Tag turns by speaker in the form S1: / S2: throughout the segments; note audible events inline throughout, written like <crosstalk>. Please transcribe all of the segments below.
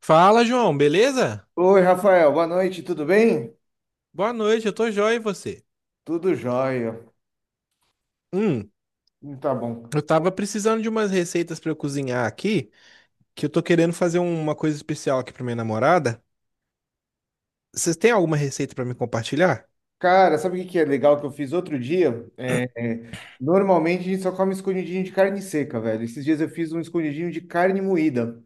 S1: Fala, João, beleza?
S2: Oi, Rafael, boa noite, tudo bem?
S1: Boa noite, eu tô joia e você?
S2: Tudo jóia.
S1: Hum,
S2: Tá bom.
S1: eu tava precisando de umas receitas pra eu cozinhar aqui, que eu tô querendo fazer uma coisa especial aqui pra minha namorada. Vocês têm alguma receita pra me compartilhar?
S2: Cara, sabe o que que é legal que eu fiz outro dia? É, normalmente a gente só come escondidinho de carne seca, velho. Esses dias eu fiz um escondidinho de carne moída.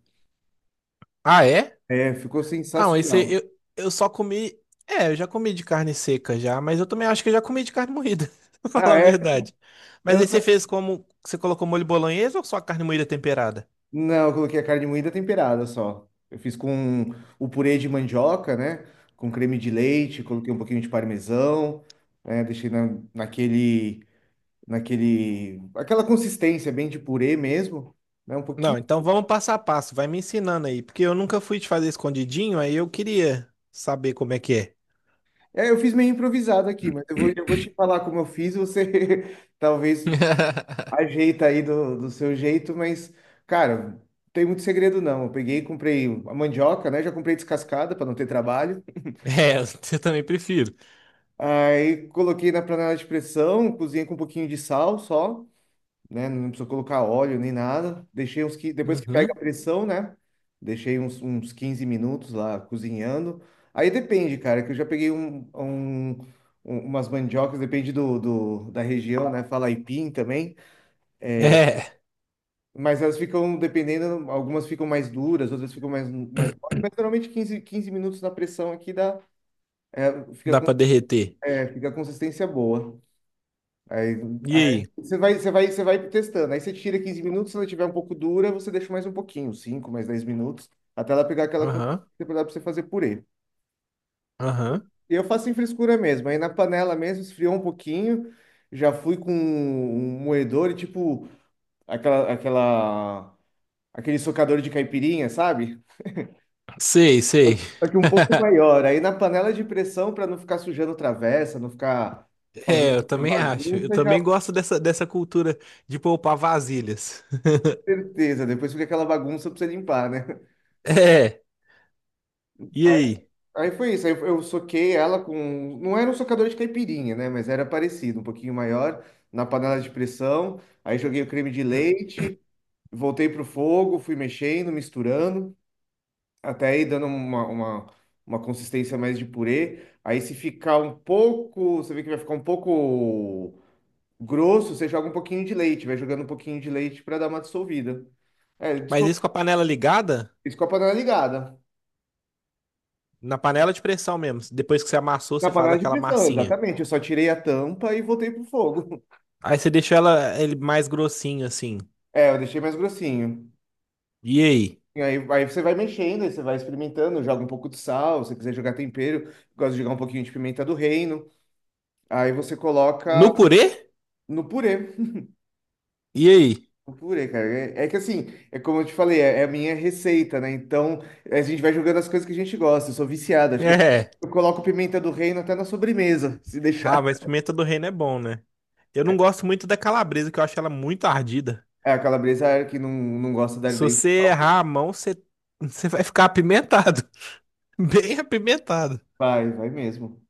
S1: Ah, é?
S2: É, ficou
S1: Ah, mas isso
S2: sensacional.
S1: eu só comi. É, eu já comi de carne seca já, mas eu também acho que eu já comi de carne moída, <laughs> pra falar
S2: Ah,
S1: a
S2: é?
S1: verdade. Mas
S2: Eu
S1: aí você
S2: não,
S1: fez como? Você colocou molho bolonhesa ou só a carne moída temperada?
S2: não, eu coloquei a carne moída temperada só. Eu fiz com o purê de mandioca, né? Com creme de leite, coloquei um pouquinho de parmesão, né? Deixei naquele. Aquela consistência bem de purê mesmo, né? Um
S1: Não,
S2: pouquinho.
S1: então vamos passo a passo, vai me ensinando aí, porque eu nunca fui te fazer escondidinho, aí eu queria saber como é que é.
S2: É, eu fiz meio improvisado aqui, mas eu vou te falar como eu fiz, você <laughs> talvez
S1: <laughs>
S2: ajeita aí do seu jeito, mas, cara, não tem muito segredo não. Eu peguei, e comprei a mandioca, né? Já comprei descascada para não ter trabalho.
S1: É, eu também prefiro.
S2: Aí coloquei na panela de pressão, cozinhei com um pouquinho de sal só, né? Não precisou colocar óleo nem nada. Deixei uns que depois que pega a
S1: Uhum.
S2: pressão, né? Deixei uns 15 minutos lá cozinhando. Aí depende, cara, que eu já peguei umas mandiocas, depende da região, né? Fala aipim também.
S1: É,
S2: Mas elas ficam, dependendo, algumas ficam mais duras, outras ficam mais mole, mas geralmente quinze minutos na pressão aqui dá, fica
S1: dá
S2: com,
S1: pra derreter.
S2: fica a consistência boa. Aí,
S1: E
S2: aí,
S1: aí?
S2: você vai testando. Aí você tira 15 minutos, se ela tiver um pouco dura, você deixa mais um pouquinho, 5 mais 10 minutos, até ela pegar aquela
S1: Aham,
S2: consistência para você fazer purê.
S1: aham.
S2: E eu faço em frescura mesmo. Aí na panela mesmo, esfriou um pouquinho, já fui com um moedor e tipo aquela, aquela, aquele socador de caipirinha, sabe?
S1: Sei, sei.
S2: Só que um
S1: <laughs>
S2: pouco maior. Aí na panela de pressão, para não ficar sujando travessa, não ficar
S1: É,
S2: fazendo
S1: eu
S2: muita
S1: também acho. Eu
S2: bagunça, já
S1: também gosto dessa cultura de poupar vasilhas. <laughs>
S2: certeza. Depois fica aquela bagunça para você limpar, né?
S1: É, e aí?
S2: Aí foi isso, aí eu soquei ela com. Não era um socador de caipirinha, né? Mas era parecido, um pouquinho maior, na panela de pressão. Aí joguei o creme de leite, voltei pro fogo, fui mexendo, misturando, até aí dando uma consistência mais de purê. Aí se ficar um pouco, você vê que vai ficar um pouco grosso, você joga um pouquinho de leite, vai jogando um pouquinho de leite para dar uma dissolvida. É,
S1: Mas
S2: dissol...
S1: isso com a panela ligada?
S2: isso com a panela ligada.
S1: Na panela de pressão mesmo. Depois que você amassou,
S2: Na
S1: você faz
S2: panela de
S1: aquela
S2: pressão,
S1: massinha.
S2: exatamente. Eu só tirei a tampa e voltei pro fogo.
S1: Aí você deixa ela ele mais grossinho assim.
S2: É, eu deixei mais grossinho.
S1: E aí?
S2: E aí, você vai mexendo, aí você vai experimentando, joga um pouco de sal, se você quiser jogar tempero, gosto de jogar um pouquinho de pimenta do reino. Aí você
S1: No
S2: coloca
S1: purê?
S2: no purê.
S1: E aí?
S2: No purê, cara. É, que assim, é como eu te falei, é a minha receita, né? Então a gente vai jogando as coisas que a gente gosta. Eu sou viciado, acho que eu,
S1: É.
S2: eu coloco pimenta do reino até na sobremesa, <laughs> se deixar.
S1: Ah, mas pimenta do reino é bom, né? Eu não gosto muito da calabresa, que eu acho ela muito ardida.
S2: É, a calabresa é que não gosta de dar
S1: Se
S2: dente.
S1: você errar a mão, você vai ficar apimentado. <laughs> Bem apimentado.
S2: Vai, vai mesmo.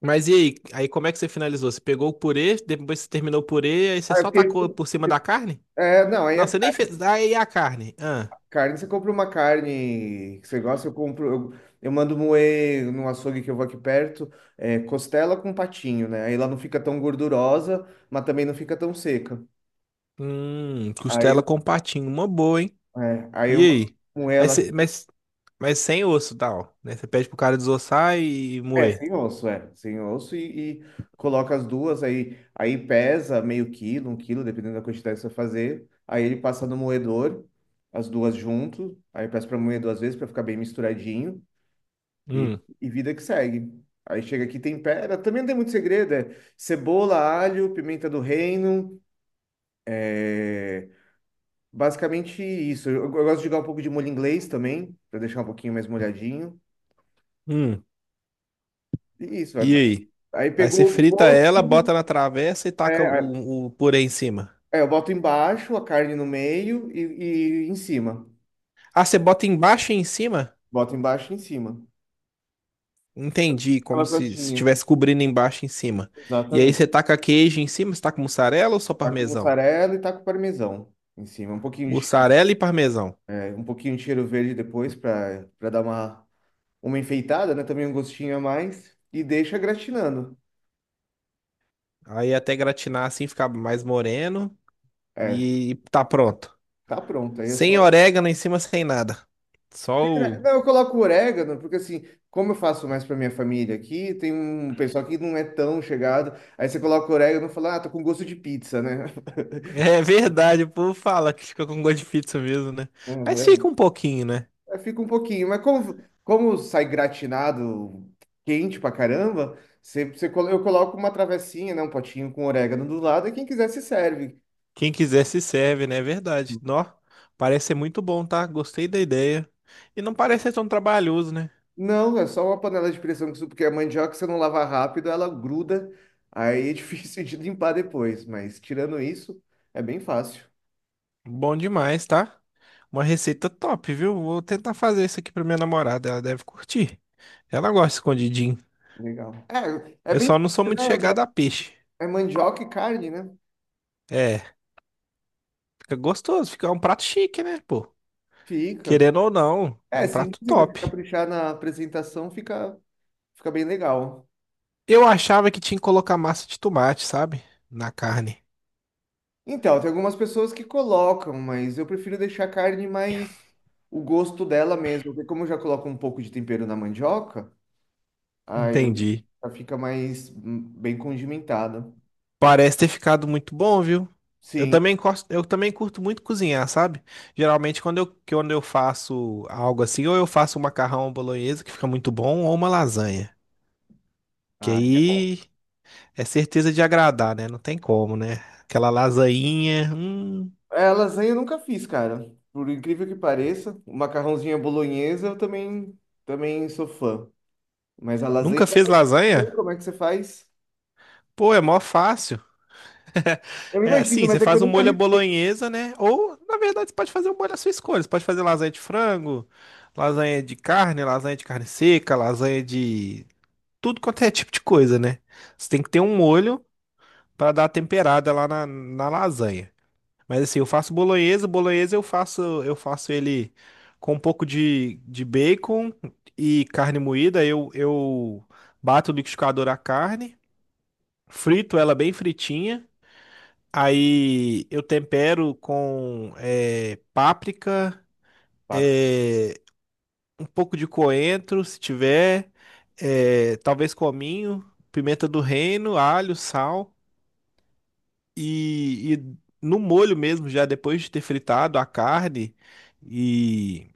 S1: Mas e aí? Aí como é que você finalizou? Você pegou o purê, depois você terminou o purê, aí você
S2: Ah, eu
S1: só tacou
S2: fiquei-
S1: por cima da carne?
S2: não. aí é
S1: Não, você nem fez. Aí a carne. Ah.
S2: Carne, você compra uma carne que você gosta, eu compro, eu mando moer no açougue que eu vou aqui perto, costela com patinho, né? Aí ela não fica tão gordurosa, mas também não fica tão seca. Aí,
S1: Costela
S2: eu-
S1: com patinho. Uma boa, hein?
S2: aí eu
S1: E
S2: mando
S1: aí?
S2: moer
S1: Mas,
S2: ela,
S1: você- mas Mas sem osso, tal, né? Você pede pro cara desossar e
S2: é,
S1: moer.
S2: sem osso, é, sem osso e coloca as duas, aí pesa meio quilo, um quilo, dependendo da quantidade que você fazer. Aí ele passa no moedor, as duas junto, aí eu peço para moer duas vezes para ficar bem misturadinho. E,
S1: Hum,
S2: e vida que segue. Aí chega aqui, tempera. Também não tem muito segredo, é cebola, alho, pimenta do reino. é Basicamente isso. Eu gosto de jogar um pouco de molho inglês também, para deixar um pouquinho mais molhadinho.
S1: hum.
S2: E isso.
S1: E aí?
S2: Aí
S1: Aí você
S2: pegou o
S1: frita
S2: ponto.
S1: ela, bota na travessa e taca
S2: É,
S1: o purê em cima.
S2: é, eu boto embaixo, a carne no meio e em cima.
S1: Ah, você bota embaixo e em cima?
S2: Boto embaixo e em cima.
S1: Entendi, como
S2: Aquela
S1: se
S2: crostinha.
S1: estivesse cobrindo embaixo e em cima. E aí
S2: Exatamente.
S1: você taca queijo em cima, você taca mussarela ou só
S2: Tá com
S1: parmesão?
S2: mussarela e tá com parmesão em cima. Um pouquinho de,
S1: Mussarela e parmesão.
S2: é, um pouquinho de cheiro verde depois para dar uma enfeitada, né? Também um gostinho a mais. E deixa gratinando.
S1: Aí até gratinar assim, ficar mais moreno
S2: É,
S1: e tá pronto.
S2: tá pronto. Aí é
S1: Sem
S2: só.
S1: orégano em cima, sem nada. Só o.
S2: Não, eu coloco orégano, porque assim, como eu faço mais pra minha família aqui, tem um pessoal que não é tão chegado. Aí você coloca orégano e fala, ah, tô com gosto de pizza, né? <laughs>
S1: É verdade, o povo fala que fica com gosto de pizza mesmo, né? Mas
S2: É,
S1: fica um pouquinho, né?
S2: é, fica um pouquinho, mas como sai gratinado, quente pra caramba, eu coloco uma travessinha, né? Um potinho com orégano do lado, e quem quiser se serve.
S1: Quem quiser se serve, né? É verdade. Nó, parece ser muito bom, tá? Gostei da ideia. E não parece ser tão trabalhoso, né?
S2: Não, é só uma panela de pressão porque a mandioca, se não lavar rápido, ela gruda, aí é <laughs> difícil de limpar depois, mas tirando isso, é bem fácil.
S1: Bom demais, tá? Uma receita top, viu? Vou tentar fazer isso aqui pra minha namorada, ela deve curtir. Ela gosta de escondidinho.
S2: Legal. É,
S1: Eu
S2: bem,
S1: só não sou muito
S2: simples,
S1: chegado
S2: né?
S1: a peixe.
S2: É mandioca e carne, né?
S1: É, fica gostoso, fica um prato chique, né, pô?
S2: Fica.
S1: Querendo ou não, é
S2: É,
S1: um
S2: sim,
S1: prato
S2: mas se
S1: top.
S2: caprichar na apresentação fica bem legal.
S1: Eu achava que tinha que colocar massa de tomate, sabe? Na carne.
S2: Então, tem algumas pessoas que colocam, mas eu prefiro deixar a carne mais o gosto dela mesmo, porque como eu já coloco um pouco de tempero na mandioca, aí ela
S1: Entendi.
S2: já fica mais bem condimentada.
S1: Parece ter ficado muito bom, viu? Eu
S2: Sim.
S1: também gosto, eu também curto muito cozinhar, sabe? Geralmente quando eu faço algo assim, ou eu faço um macarrão bolonhesa que fica muito bom, ou uma lasanha. Que
S2: Ah, é.
S1: aí é certeza de agradar, né? Não tem como, né? Aquela lasainha.
S2: É, lasanha eu nunca fiz, cara. Por incrível que pareça, o macarrãozinho à bolonhesa eu também sou fã. Mas a lasanha,
S1: Nunca fez lasanha?
S2: como é que você faz?
S1: Pô, é mó fácil. <laughs>
S2: Eu
S1: É,
S2: imagino,
S1: sim,
S2: mas
S1: você
S2: é que eu
S1: faz um
S2: nunca
S1: molho à
S2: arrisco.
S1: bolonhesa, né? Ou, na verdade, você pode fazer um molho à sua escolha. Você pode fazer lasanha de frango, lasanha de carne seca, lasanha de tudo quanto é tipo de coisa, né? Você tem que ter um molho para dar a temperada lá na, na lasanha. Mas assim, eu faço bolonhesa, bolonhesa eu faço, ele com um pouco de bacon e carne moída. Eu bato no liquidificador a carne, frito ela bem fritinha. Aí eu tempero com páprica,
S2: Pato.
S1: eh, um pouco de coentro, se tiver, talvez cominho, pimenta do reino, alho, sal e no molho mesmo, já depois de ter fritado a carne e,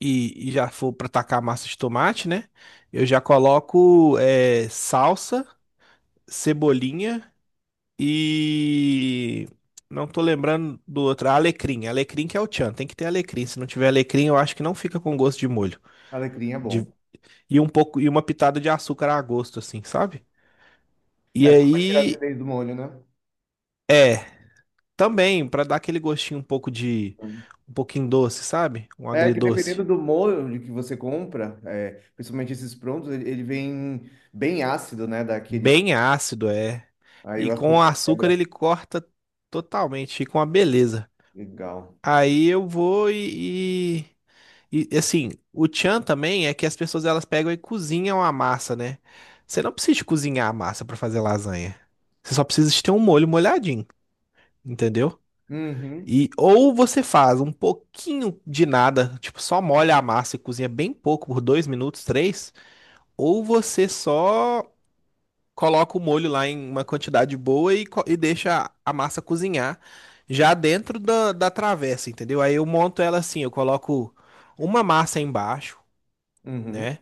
S1: e já for para tacar a massa de tomate, né? Eu já coloco salsa, cebolinha. E não tô lembrando do outro. Ah, alecrim. Alecrim que é o tchan. Tem que ter alecrim. Se não tiver alecrim, eu acho que não fica com gosto de molho.
S2: Alecrim é bom.
S1: De- E um pouco e uma pitada de açúcar a gosto, assim, sabe? E
S2: É, só pra tirar a
S1: aí
S2: acidez do molho, né?
S1: é também pra dar aquele gostinho um pouco de um pouquinho doce, sabe? Um
S2: É que
S1: agridoce.
S2: dependendo do molho que você compra, principalmente esses prontos, ele vem bem ácido, né? Daquele.
S1: Bem ácido é.
S2: Aí o
S1: E com o
S2: açúcar
S1: açúcar
S2: quebra.
S1: ele corta totalmente, fica uma beleza.
S2: Legal.
S1: Aí eu vou e. E assim, o tchan também é que as pessoas elas pegam e cozinham a massa, né? Você não precisa de cozinhar a massa pra fazer lasanha. Você só precisa de ter um molho molhadinho, entendeu?
S2: Uhum,
S1: E ou você faz um pouquinho de nada, tipo só molha a massa e cozinha bem pouco, por dois minutos, três, ou você só coloca o molho lá em uma quantidade boa e deixa a massa cozinhar já dentro da travessa, entendeu? Aí eu monto ela assim, eu coloco uma massa embaixo,
S2: uhum,
S1: né?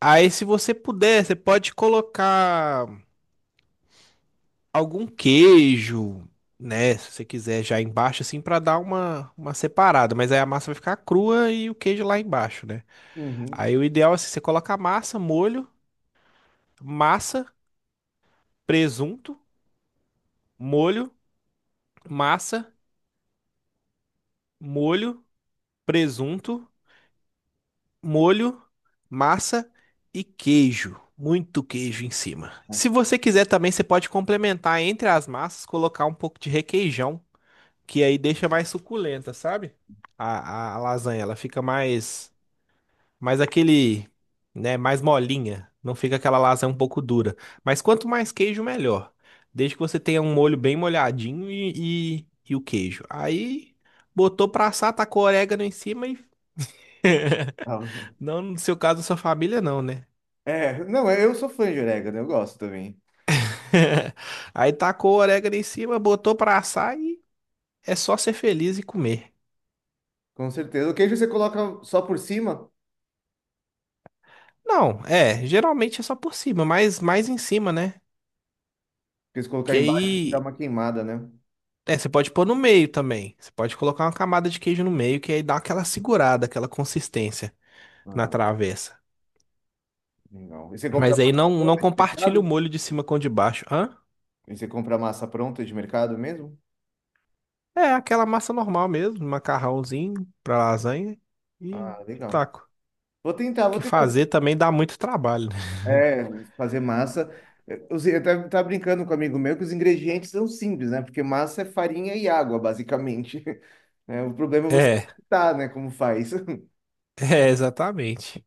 S1: Aí, se você puder, você pode colocar algum queijo, né? Se você quiser já embaixo, assim, pra dar uma separada. Mas aí a massa vai ficar crua e o queijo lá embaixo, né?
S2: uhum.
S1: Aí o ideal é assim, você coloca a massa, molho, massa, presunto, molho, massa, molho, presunto, molho, massa e queijo. Muito queijo em cima. Se você quiser também, você pode complementar entre as massas, colocar um pouco de requeijão que aí deixa mais suculenta, sabe? A lasanha, ela fica mais, aquele, né, mais molinha. Não fica aquela lasanha um pouco dura. Mas quanto mais queijo, melhor. Desde que você tenha um molho bem molhadinho e o queijo. Aí, botou pra assar, tacou orégano em cima e...
S2: Ah,
S1: <laughs> Não no seu caso, da sua família, não, né?
S2: é. Não, eu sou fã de orégano, eu gosto também.
S1: <laughs> Aí tacou o orégano em cima, botou pra assar e é só ser feliz e comer.
S2: Com certeza. O queijo você coloca só por cima,
S1: Não, é, geralmente é só por cima, mas mais em cima, né?
S2: porque se colocar
S1: Que
S2: embaixo, dá
S1: aí.
S2: uma queimada, né?
S1: É, você pode pôr no meio também. Você pode colocar uma camada de queijo no meio, que aí dá aquela segurada, aquela consistência na
S2: Ah,
S1: travessa.
S2: legal. E você compra
S1: Mas aí
S2: massa
S1: não, não
S2: pronta de
S1: compartilha o
S2: mercado?
S1: molho de cima com o de baixo. Hã?
S2: E você compra massa pronta de mercado mesmo?
S1: É aquela massa normal mesmo, macarrãozinho pra lasanha
S2: Ah,
S1: e
S2: legal.
S1: taco.
S2: Vou tentar, vou
S1: Porque
S2: tentar.
S1: fazer também dá muito trabalho, né?
S2: É, fazer massa. Eu tava brincando com um amigo meu que os ingredientes são simples, né? Porque massa é farinha e água, basicamente. <laughs> Né? O problema é
S1: <laughs>
S2: você
S1: É,
S2: tá, né? Como faz. <laughs>
S1: é, exatamente.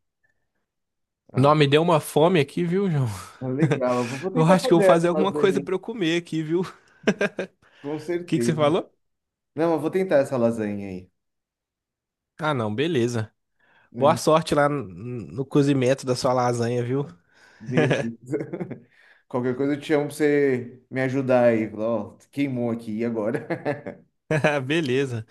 S2: Ah,
S1: Não, me deu uma fome aqui, viu, João? <laughs>
S2: legal. Eu vou
S1: Eu
S2: tentar
S1: acho que eu vou
S2: fazer essa
S1: fazer alguma coisa
S2: lasanha,
S1: pra eu comer aqui, viu? O
S2: com
S1: que que você
S2: certeza.
S1: falou?
S2: Não, eu vou tentar essa lasanha aí.
S1: Ah, não, beleza. Boa
S2: Hum,
S1: sorte lá no cozimento da sua lasanha, viu?
S2: Beleza. <laughs> Qualquer coisa eu te chamo pra você me ajudar aí. Falar, ó, queimou aqui, e agora? <laughs>
S1: <laughs> Beleza.